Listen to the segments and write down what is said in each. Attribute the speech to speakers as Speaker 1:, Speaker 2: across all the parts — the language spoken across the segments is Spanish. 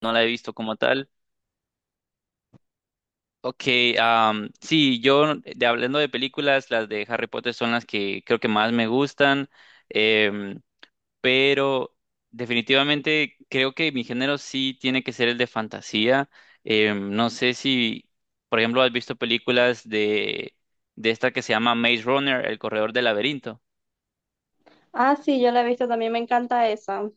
Speaker 1: No la he visto como tal. Ok, sí, yo hablando de películas, las de Harry Potter son las que creo que más me gustan, em, pero definitivamente creo que mi género sí tiene que ser el de fantasía. No sé si, por ejemplo, has visto películas de esta que se llama Maze Runner, El Corredor del Laberinto.
Speaker 2: Ah, sí, yo la he visto, también me encanta esa.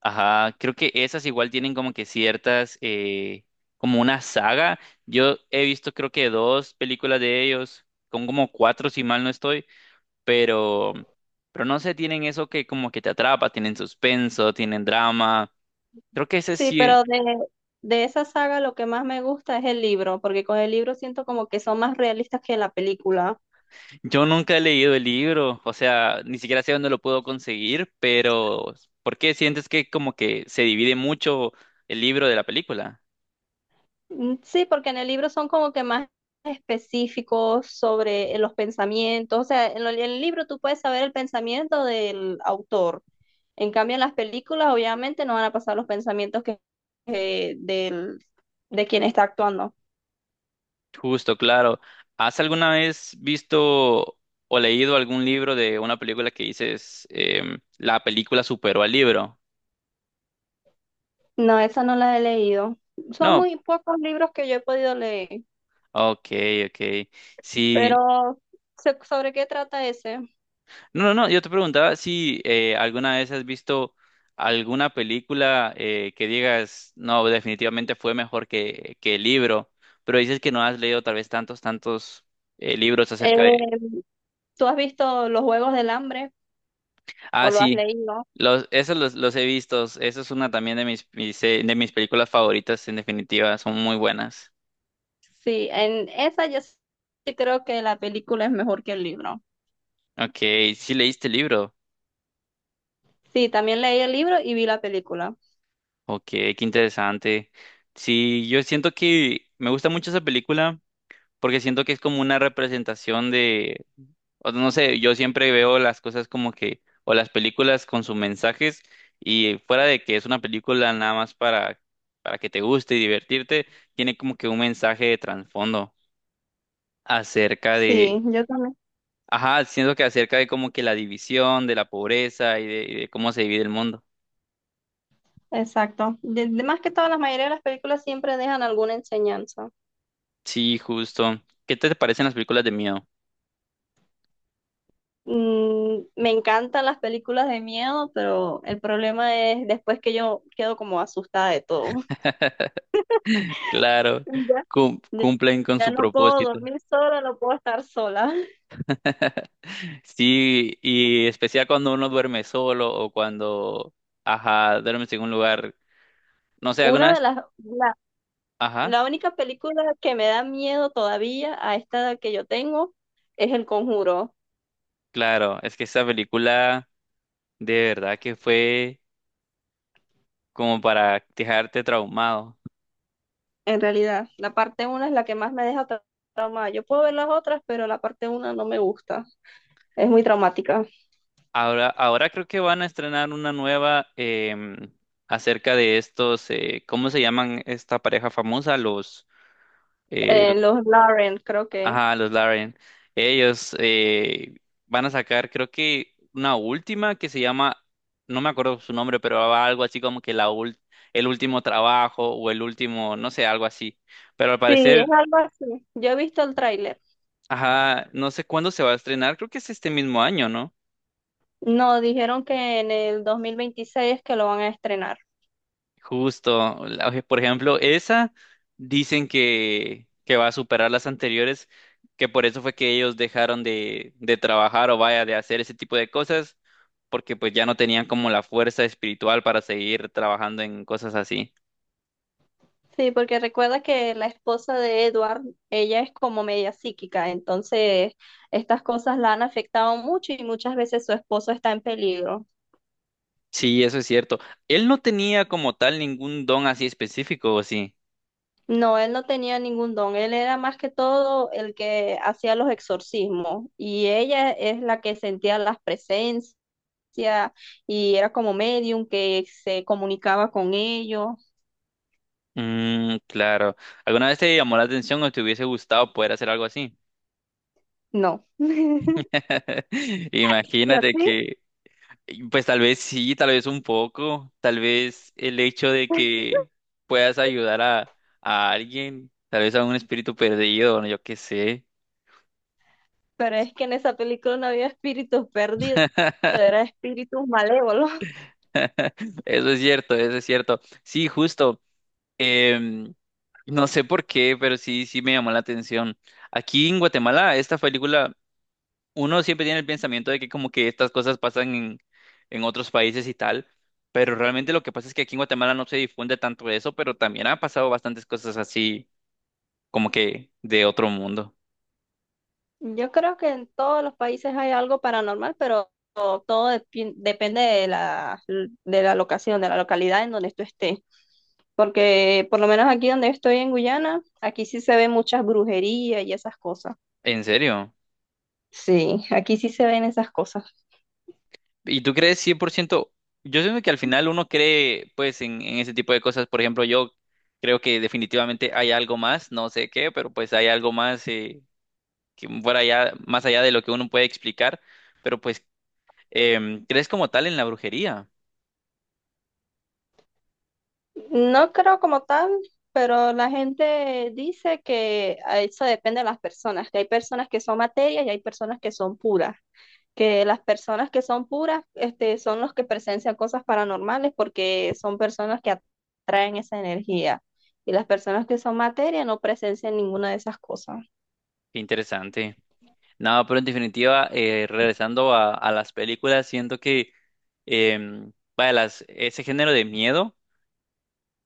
Speaker 1: Ajá, creo que esas igual tienen como que ciertas, como una saga. Yo he visto creo que dos películas de ellos, con como cuatro si mal no estoy, pero, pero no sé, tienen eso que como que te atrapa, tienen suspenso, tienen drama. Creo que ese
Speaker 2: Sí,
Speaker 1: sí,
Speaker 2: de esa saga lo que más me gusta es el libro, porque con el libro siento como que son más realistas que la película.
Speaker 1: yo nunca he leído el libro, o sea, ni siquiera sé dónde lo puedo conseguir, pero ¿por qué sientes que como que se divide mucho el libro de la película?
Speaker 2: Mm, sí, porque en el libro son como que más específicos sobre los pensamientos. O sea, en el libro tú puedes saber el pensamiento del autor. En cambio, en las películas obviamente no van a pasar los pensamientos que del, de quien está actuando.
Speaker 1: Justo, claro. ¿Has alguna vez visto o leído algún libro de una película que dices, la película superó al libro?
Speaker 2: No, esa no la he leído. Son
Speaker 1: No.
Speaker 2: muy pocos libros que yo he podido leer.
Speaker 1: Ok, ok. Sí.
Speaker 2: Pero, ¿sobre qué trata ese?
Speaker 1: No, no, no. Yo te preguntaba si alguna vez has visto alguna película que digas, no, definitivamente fue mejor que el libro, pero dices que no has leído tal vez tantos, tantos libros acerca de.
Speaker 2: Eh, ¿Tú has visto Los Juegos del Hambre
Speaker 1: Ah,
Speaker 2: o lo has
Speaker 1: sí.
Speaker 2: leído?
Speaker 1: Esos los he visto. Eso es una también de mis películas favoritas, en definitiva. Son muy buenas.
Speaker 2: Sí, en esa yo sí creo que la película es mejor que el libro.
Speaker 1: Ok, sí leíste el libro.
Speaker 2: Sí, también leí el libro y vi la película.
Speaker 1: Ok, qué interesante. Sí, yo siento que me gusta mucho esa película porque siento que es como una representación de, o no sé, yo siempre veo las cosas como que, o las películas con sus mensajes y fuera de que es una película nada más para, que te guste y divertirte, tiene como que un mensaje de trasfondo acerca de.
Speaker 2: Sí, yo también.
Speaker 1: Ajá, siento que acerca de como que la división, de la pobreza y de cómo se divide el mundo.
Speaker 2: Exacto. Más que todas la mayoría de las películas siempre dejan alguna enseñanza.
Speaker 1: Sí, justo. ¿Qué te parecen las películas de miedo?
Speaker 2: Mm, me encantan las películas de miedo, pero el problema es después que yo quedo como asustada de todo.
Speaker 1: Claro,
Speaker 2: Ya, ya
Speaker 1: cumplen con
Speaker 2: ya
Speaker 1: su
Speaker 2: no puedo
Speaker 1: propósito.
Speaker 2: dormir sola, no puedo estar sola.
Speaker 1: Sí, y especial cuando uno duerme solo o cuando, ajá, duermes en un lugar, no sé, alguna
Speaker 2: Una de
Speaker 1: vez.
Speaker 2: las, la,
Speaker 1: Ajá,
Speaker 2: la única película que me da miedo todavía a esta edad que yo tengo es El Conjuro,
Speaker 1: claro, es que esa película de verdad que fue como para dejarte traumado.
Speaker 2: en realidad. La parte una es la que más me deja traumada. Yo puedo ver las otras, pero la parte una no me gusta. Es muy traumática.
Speaker 1: Ahora, ahora creo que van a estrenar una nueva acerca de estos, ¿cómo se llaman esta pareja famosa? Eh, los-
Speaker 2: Los Lauren, creo que.
Speaker 1: ajá, los Lauren. Ellos van a sacar, creo que una última que se llama, no me acuerdo su nombre, pero va algo así como que el último trabajo o el último, no sé, algo así. Pero al
Speaker 2: Sí, es
Speaker 1: parecer,
Speaker 2: algo así. Yo he visto el tráiler.
Speaker 1: ajá, no sé cuándo se va a estrenar, creo que es este mismo año, ¿no?
Speaker 2: No, dijeron que en el 2026 es que lo van a estrenar.
Speaker 1: Justo, por ejemplo, esa dicen que, va a superar las anteriores, que por eso fue que ellos dejaron de trabajar o vaya, de hacer ese tipo de cosas, porque pues ya no tenían como la fuerza espiritual para seguir trabajando en cosas así.
Speaker 2: Sí, porque recuerda que la esposa de Edward, ella es como media psíquica, entonces estas cosas la han afectado mucho y muchas veces su esposo está en peligro.
Speaker 1: Sí, eso es cierto. Él no tenía como tal ningún don así específico, ¿o sí?
Speaker 2: No, él no tenía ningún don, él era más que todo el que hacía los exorcismos y ella es la que sentía las presencias y era como medium que se comunicaba con ellos.
Speaker 1: Mm, claro. ¿Alguna vez te llamó la atención o te hubiese gustado poder hacer algo así?
Speaker 2: No. ¿Y a
Speaker 1: Imagínate.
Speaker 2: ti?
Speaker 1: Pues tal vez sí, tal vez un poco, tal vez el hecho de que puedas ayudar a, alguien, tal vez a un espíritu perdido, no, yo qué sé.
Speaker 2: Pero es que en esa película no había espíritus perdidos, eran espíritus malévolos.
Speaker 1: Eso es cierto, eso es cierto. Sí, justo. em, no sé por qué, pero sí, sí me llamó la atención. Aquí en Guatemala, esta película, uno siempre tiene el pensamiento de que como que estas cosas pasan en, otros países y tal, pero realmente lo que pasa es que aquí en Guatemala no se difunde tanto eso, pero también ha pasado bastantes cosas así como que de otro mundo.
Speaker 2: Yo creo que en todos los países hay algo paranormal, pero todo depende de la locación, de la localidad en donde tú estés. Porque por lo menos aquí donde estoy en Guyana, aquí sí se ven muchas brujerías y esas cosas.
Speaker 1: ¿En serio?
Speaker 2: Sí, aquí sí se ven esas cosas.
Speaker 1: ¿Y tú crees 100%? Yo siento que al final uno cree pues en ese tipo de cosas. Por ejemplo, yo creo que definitivamente hay algo más, no sé qué, pero pues hay algo más que fuera allá, más allá de lo que uno puede explicar. Pero pues, ¿crees como tal en la brujería?
Speaker 2: No creo como tal, pero la gente dice que a eso depende de las personas, que hay personas que son materias y hay personas que son puras, que las personas que son puras, este, son los que presencian cosas paranormales porque son personas que atraen esa energía y las personas que son materia no presencian ninguna de esas cosas.
Speaker 1: Qué interesante. No, pero en definitiva, regresando a las películas, siento que vaya, ese género de miedo.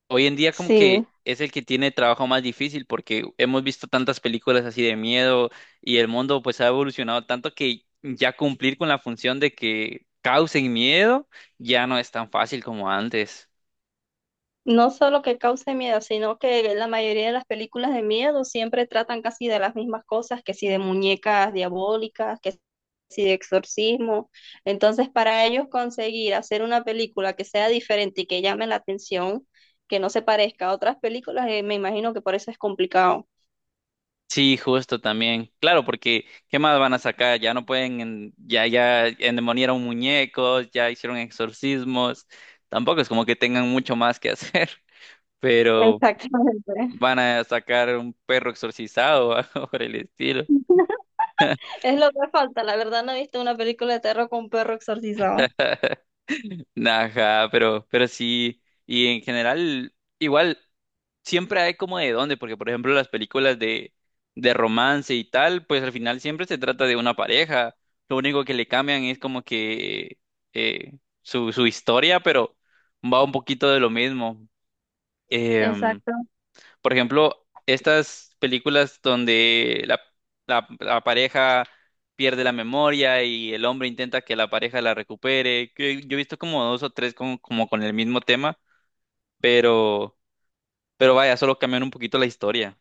Speaker 1: Hoy en día como
Speaker 2: Sí,
Speaker 1: que es el que tiene trabajo más difícil porque hemos visto tantas películas así de miedo y el mundo pues ha evolucionado tanto que ya cumplir con la función de que causen miedo ya no es tan fácil como antes.
Speaker 2: no solo que cause miedo, sino que la mayoría de las películas de miedo siempre tratan casi de las mismas cosas, que si de muñecas diabólicas, que y de exorcismo. Entonces, para ellos conseguir hacer una película que sea diferente y que llame la atención, que no se parezca a otras películas, me imagino que por eso es complicado.
Speaker 1: Sí, justo también. Claro, porque ¿qué más van a sacar? Ya no pueden, ya endemoniaron muñecos, ya hicieron exorcismos. Tampoco es como que tengan mucho más que hacer, pero
Speaker 2: Exactamente.
Speaker 1: van a sacar un perro exorcizado o algo por el estilo.
Speaker 2: Es lo que falta. La verdad no he visto una película de terror con perro exorcizado.
Speaker 1: Ajá, pero sí, y en general, igual, siempre hay como de dónde, porque por ejemplo las películas de, romance y tal, pues al final siempre se trata de una pareja, lo único que le cambian es como que su historia, pero va un poquito de lo mismo. Em,
Speaker 2: Exacto.
Speaker 1: por ejemplo, estas películas donde la pareja pierde la memoria y el hombre intenta que la pareja la recupere, que yo he visto como dos o tres como con el mismo tema, pero, pero vaya, solo cambian un poquito la historia.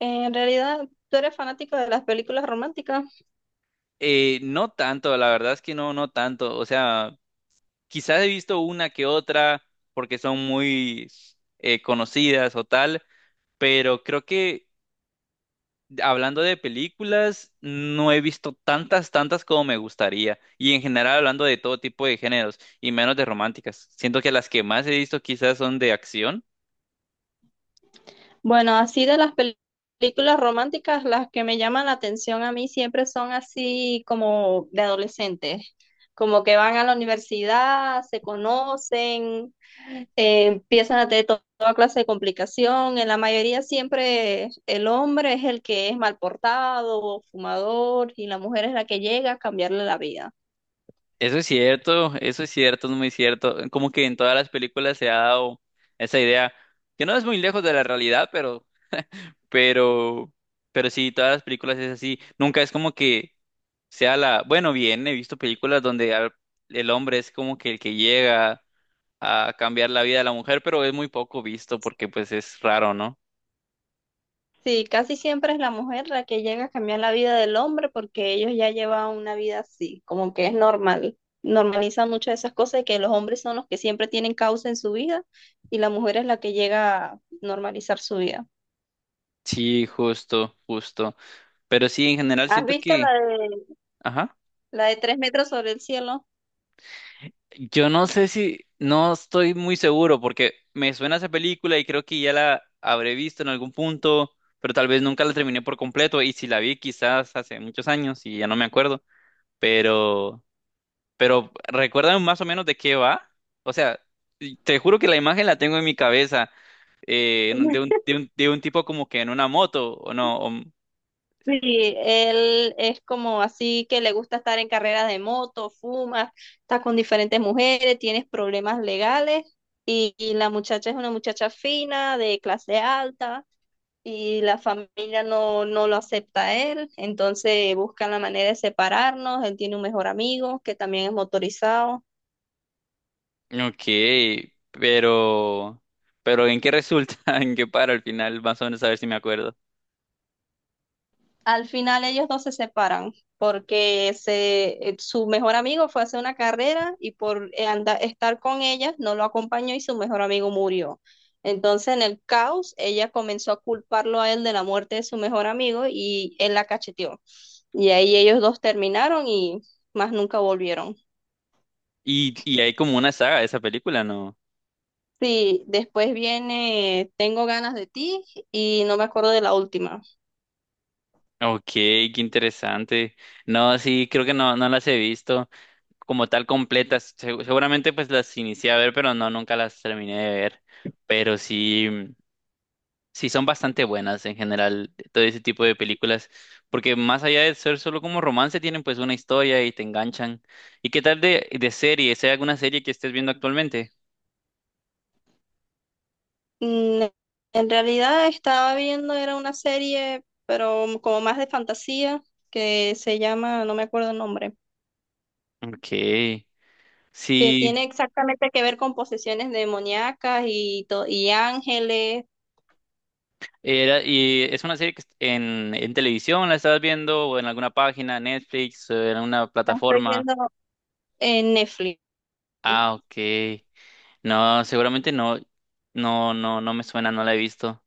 Speaker 2: En realidad, ¿tú eres fanático de las películas románticas?
Speaker 1: No tanto, la verdad es que no, no tanto. O sea, quizás he visto una que otra porque son muy conocidas o tal, pero creo que hablando de películas, no he visto tantas, tantas como me gustaría. Y en general hablando de todo tipo de géneros y menos de románticas. Siento que las que más he visto quizás son de acción.
Speaker 2: Bueno, así películas románticas, las que me llaman la atención a mí siempre son así como de adolescentes, como que van a la universidad, se conocen, empiezan a tener toda clase de complicación. En la mayoría siempre el hombre es el que es mal portado, fumador, y la mujer es la que llega a cambiarle la vida.
Speaker 1: Eso es cierto, es muy cierto. Como que en todas las películas se ha dado esa idea, que no es muy lejos de la realidad, pero, pero sí, todas las películas es así. Nunca es como que bueno, bien, he visto películas donde el hombre es como que el que llega a cambiar la vida de la mujer, pero es muy poco visto porque pues es raro, ¿no?
Speaker 2: Sí, casi siempre es la mujer la que llega a cambiar la vida del hombre porque ellos ya llevan una vida así, como que es normal. Normalizan muchas de esas cosas y que los hombres son los que siempre tienen causa en su vida y la mujer es la que llega a normalizar su vida.
Speaker 1: Sí, justo, justo. Pero sí, en general
Speaker 2: ¿Has
Speaker 1: siento
Speaker 2: visto
Speaker 1: que,
Speaker 2: la de,
Speaker 1: ajá,
Speaker 2: ¿La de tres metros sobre el cielo?
Speaker 1: yo no sé si, no estoy muy seguro porque me suena esa película y creo que ya la habré visto en algún punto, pero tal vez nunca la terminé por completo y si la vi quizás hace muchos años y ya no me acuerdo, pero, pero recuérdame más o menos de qué va. O sea, y te juro que la imagen la tengo en mi cabeza en de un, de un, de un tipo como que en una moto, ¿o no?
Speaker 2: Sí, él es como así que le gusta estar en carreras de moto, fuma, está con diferentes mujeres, tienes problemas legales y la muchacha es una muchacha fina, de clase alta y la familia no lo acepta a él, entonces buscan la manera de separarnos, él tiene un mejor amigo que también es motorizado.
Speaker 1: Ok, pero, pero ¿en qué resulta? ¿En qué para al final? Más o menos a ver si me acuerdo.
Speaker 2: Al final ellos no se separan porque su mejor amigo fue a hacer una carrera y estar con ella no lo acompañó y su mejor amigo murió. Entonces en el caos ella comenzó a culparlo a él de la muerte de su mejor amigo y él la cacheteó. Y ahí ellos dos terminaron y más nunca volvieron.
Speaker 1: Y hay como una saga de esa película, ¿no?
Speaker 2: Sí, después viene Tengo ganas de ti y no me acuerdo de la última.
Speaker 1: Ok, qué interesante. No, sí, creo que no, no las he visto como tal completas. Seguramente pues las inicié a ver, pero no, nunca las terminé de ver. Pero sí. Sí, son bastante buenas en general todo ese tipo de películas, porque más allá de ser solo como romance, tienen pues una historia y te enganchan. ¿Y qué tal de series? ¿Hay alguna serie que estés viendo actualmente?
Speaker 2: Mm, en realidad estaba viendo, era una serie, pero como más de fantasía, que se llama, no me acuerdo el nombre,
Speaker 1: Ok,
Speaker 2: que
Speaker 1: sí,
Speaker 2: tiene exactamente que ver con posesiones demoníacas y ángeles.
Speaker 1: ¿y es una serie en televisión la estabas viendo o en alguna página, Netflix, o en una
Speaker 2: La estoy
Speaker 1: plataforma?
Speaker 2: viendo en Netflix.
Speaker 1: Ah, ok. No, seguramente no, no, no, no me suena, no la he visto,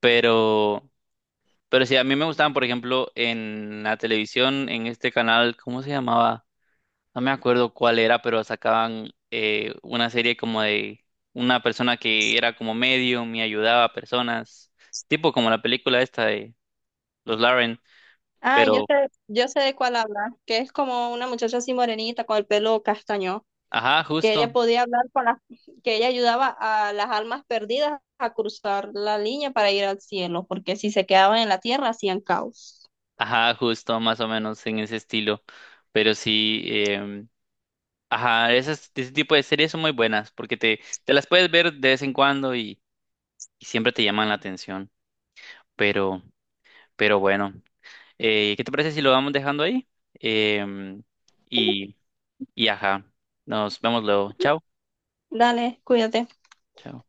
Speaker 1: pero. Pero sí, a mí me gustaban, por ejemplo, en la televisión, en este canal, ¿cómo se llamaba? No me acuerdo cuál era, pero sacaban una serie como de una persona que era como medium y ayudaba a personas, tipo como la película esta de Los Lauren,
Speaker 2: Ah,
Speaker 1: pero,
Speaker 2: yo sé de cuál habla, que es como una muchacha así morenita con el pelo castaño.
Speaker 1: ajá,
Speaker 2: Que ella
Speaker 1: justo.
Speaker 2: podía hablar con las, que ella ayudaba a las almas perdidas a cruzar la línea para ir al cielo, porque si se quedaban en la tierra hacían caos.
Speaker 1: Ajá, justo, más o menos en ese estilo. Pero sí, ajá, ese tipo de series son muy buenas porque te las puedes ver de vez en cuando y siempre te llaman la atención, pero, pero bueno. ¿Qué te parece si lo vamos dejando ahí? Em, y, y ajá, nos vemos luego. Chao.
Speaker 2: Dale, cuídate.
Speaker 1: Chao.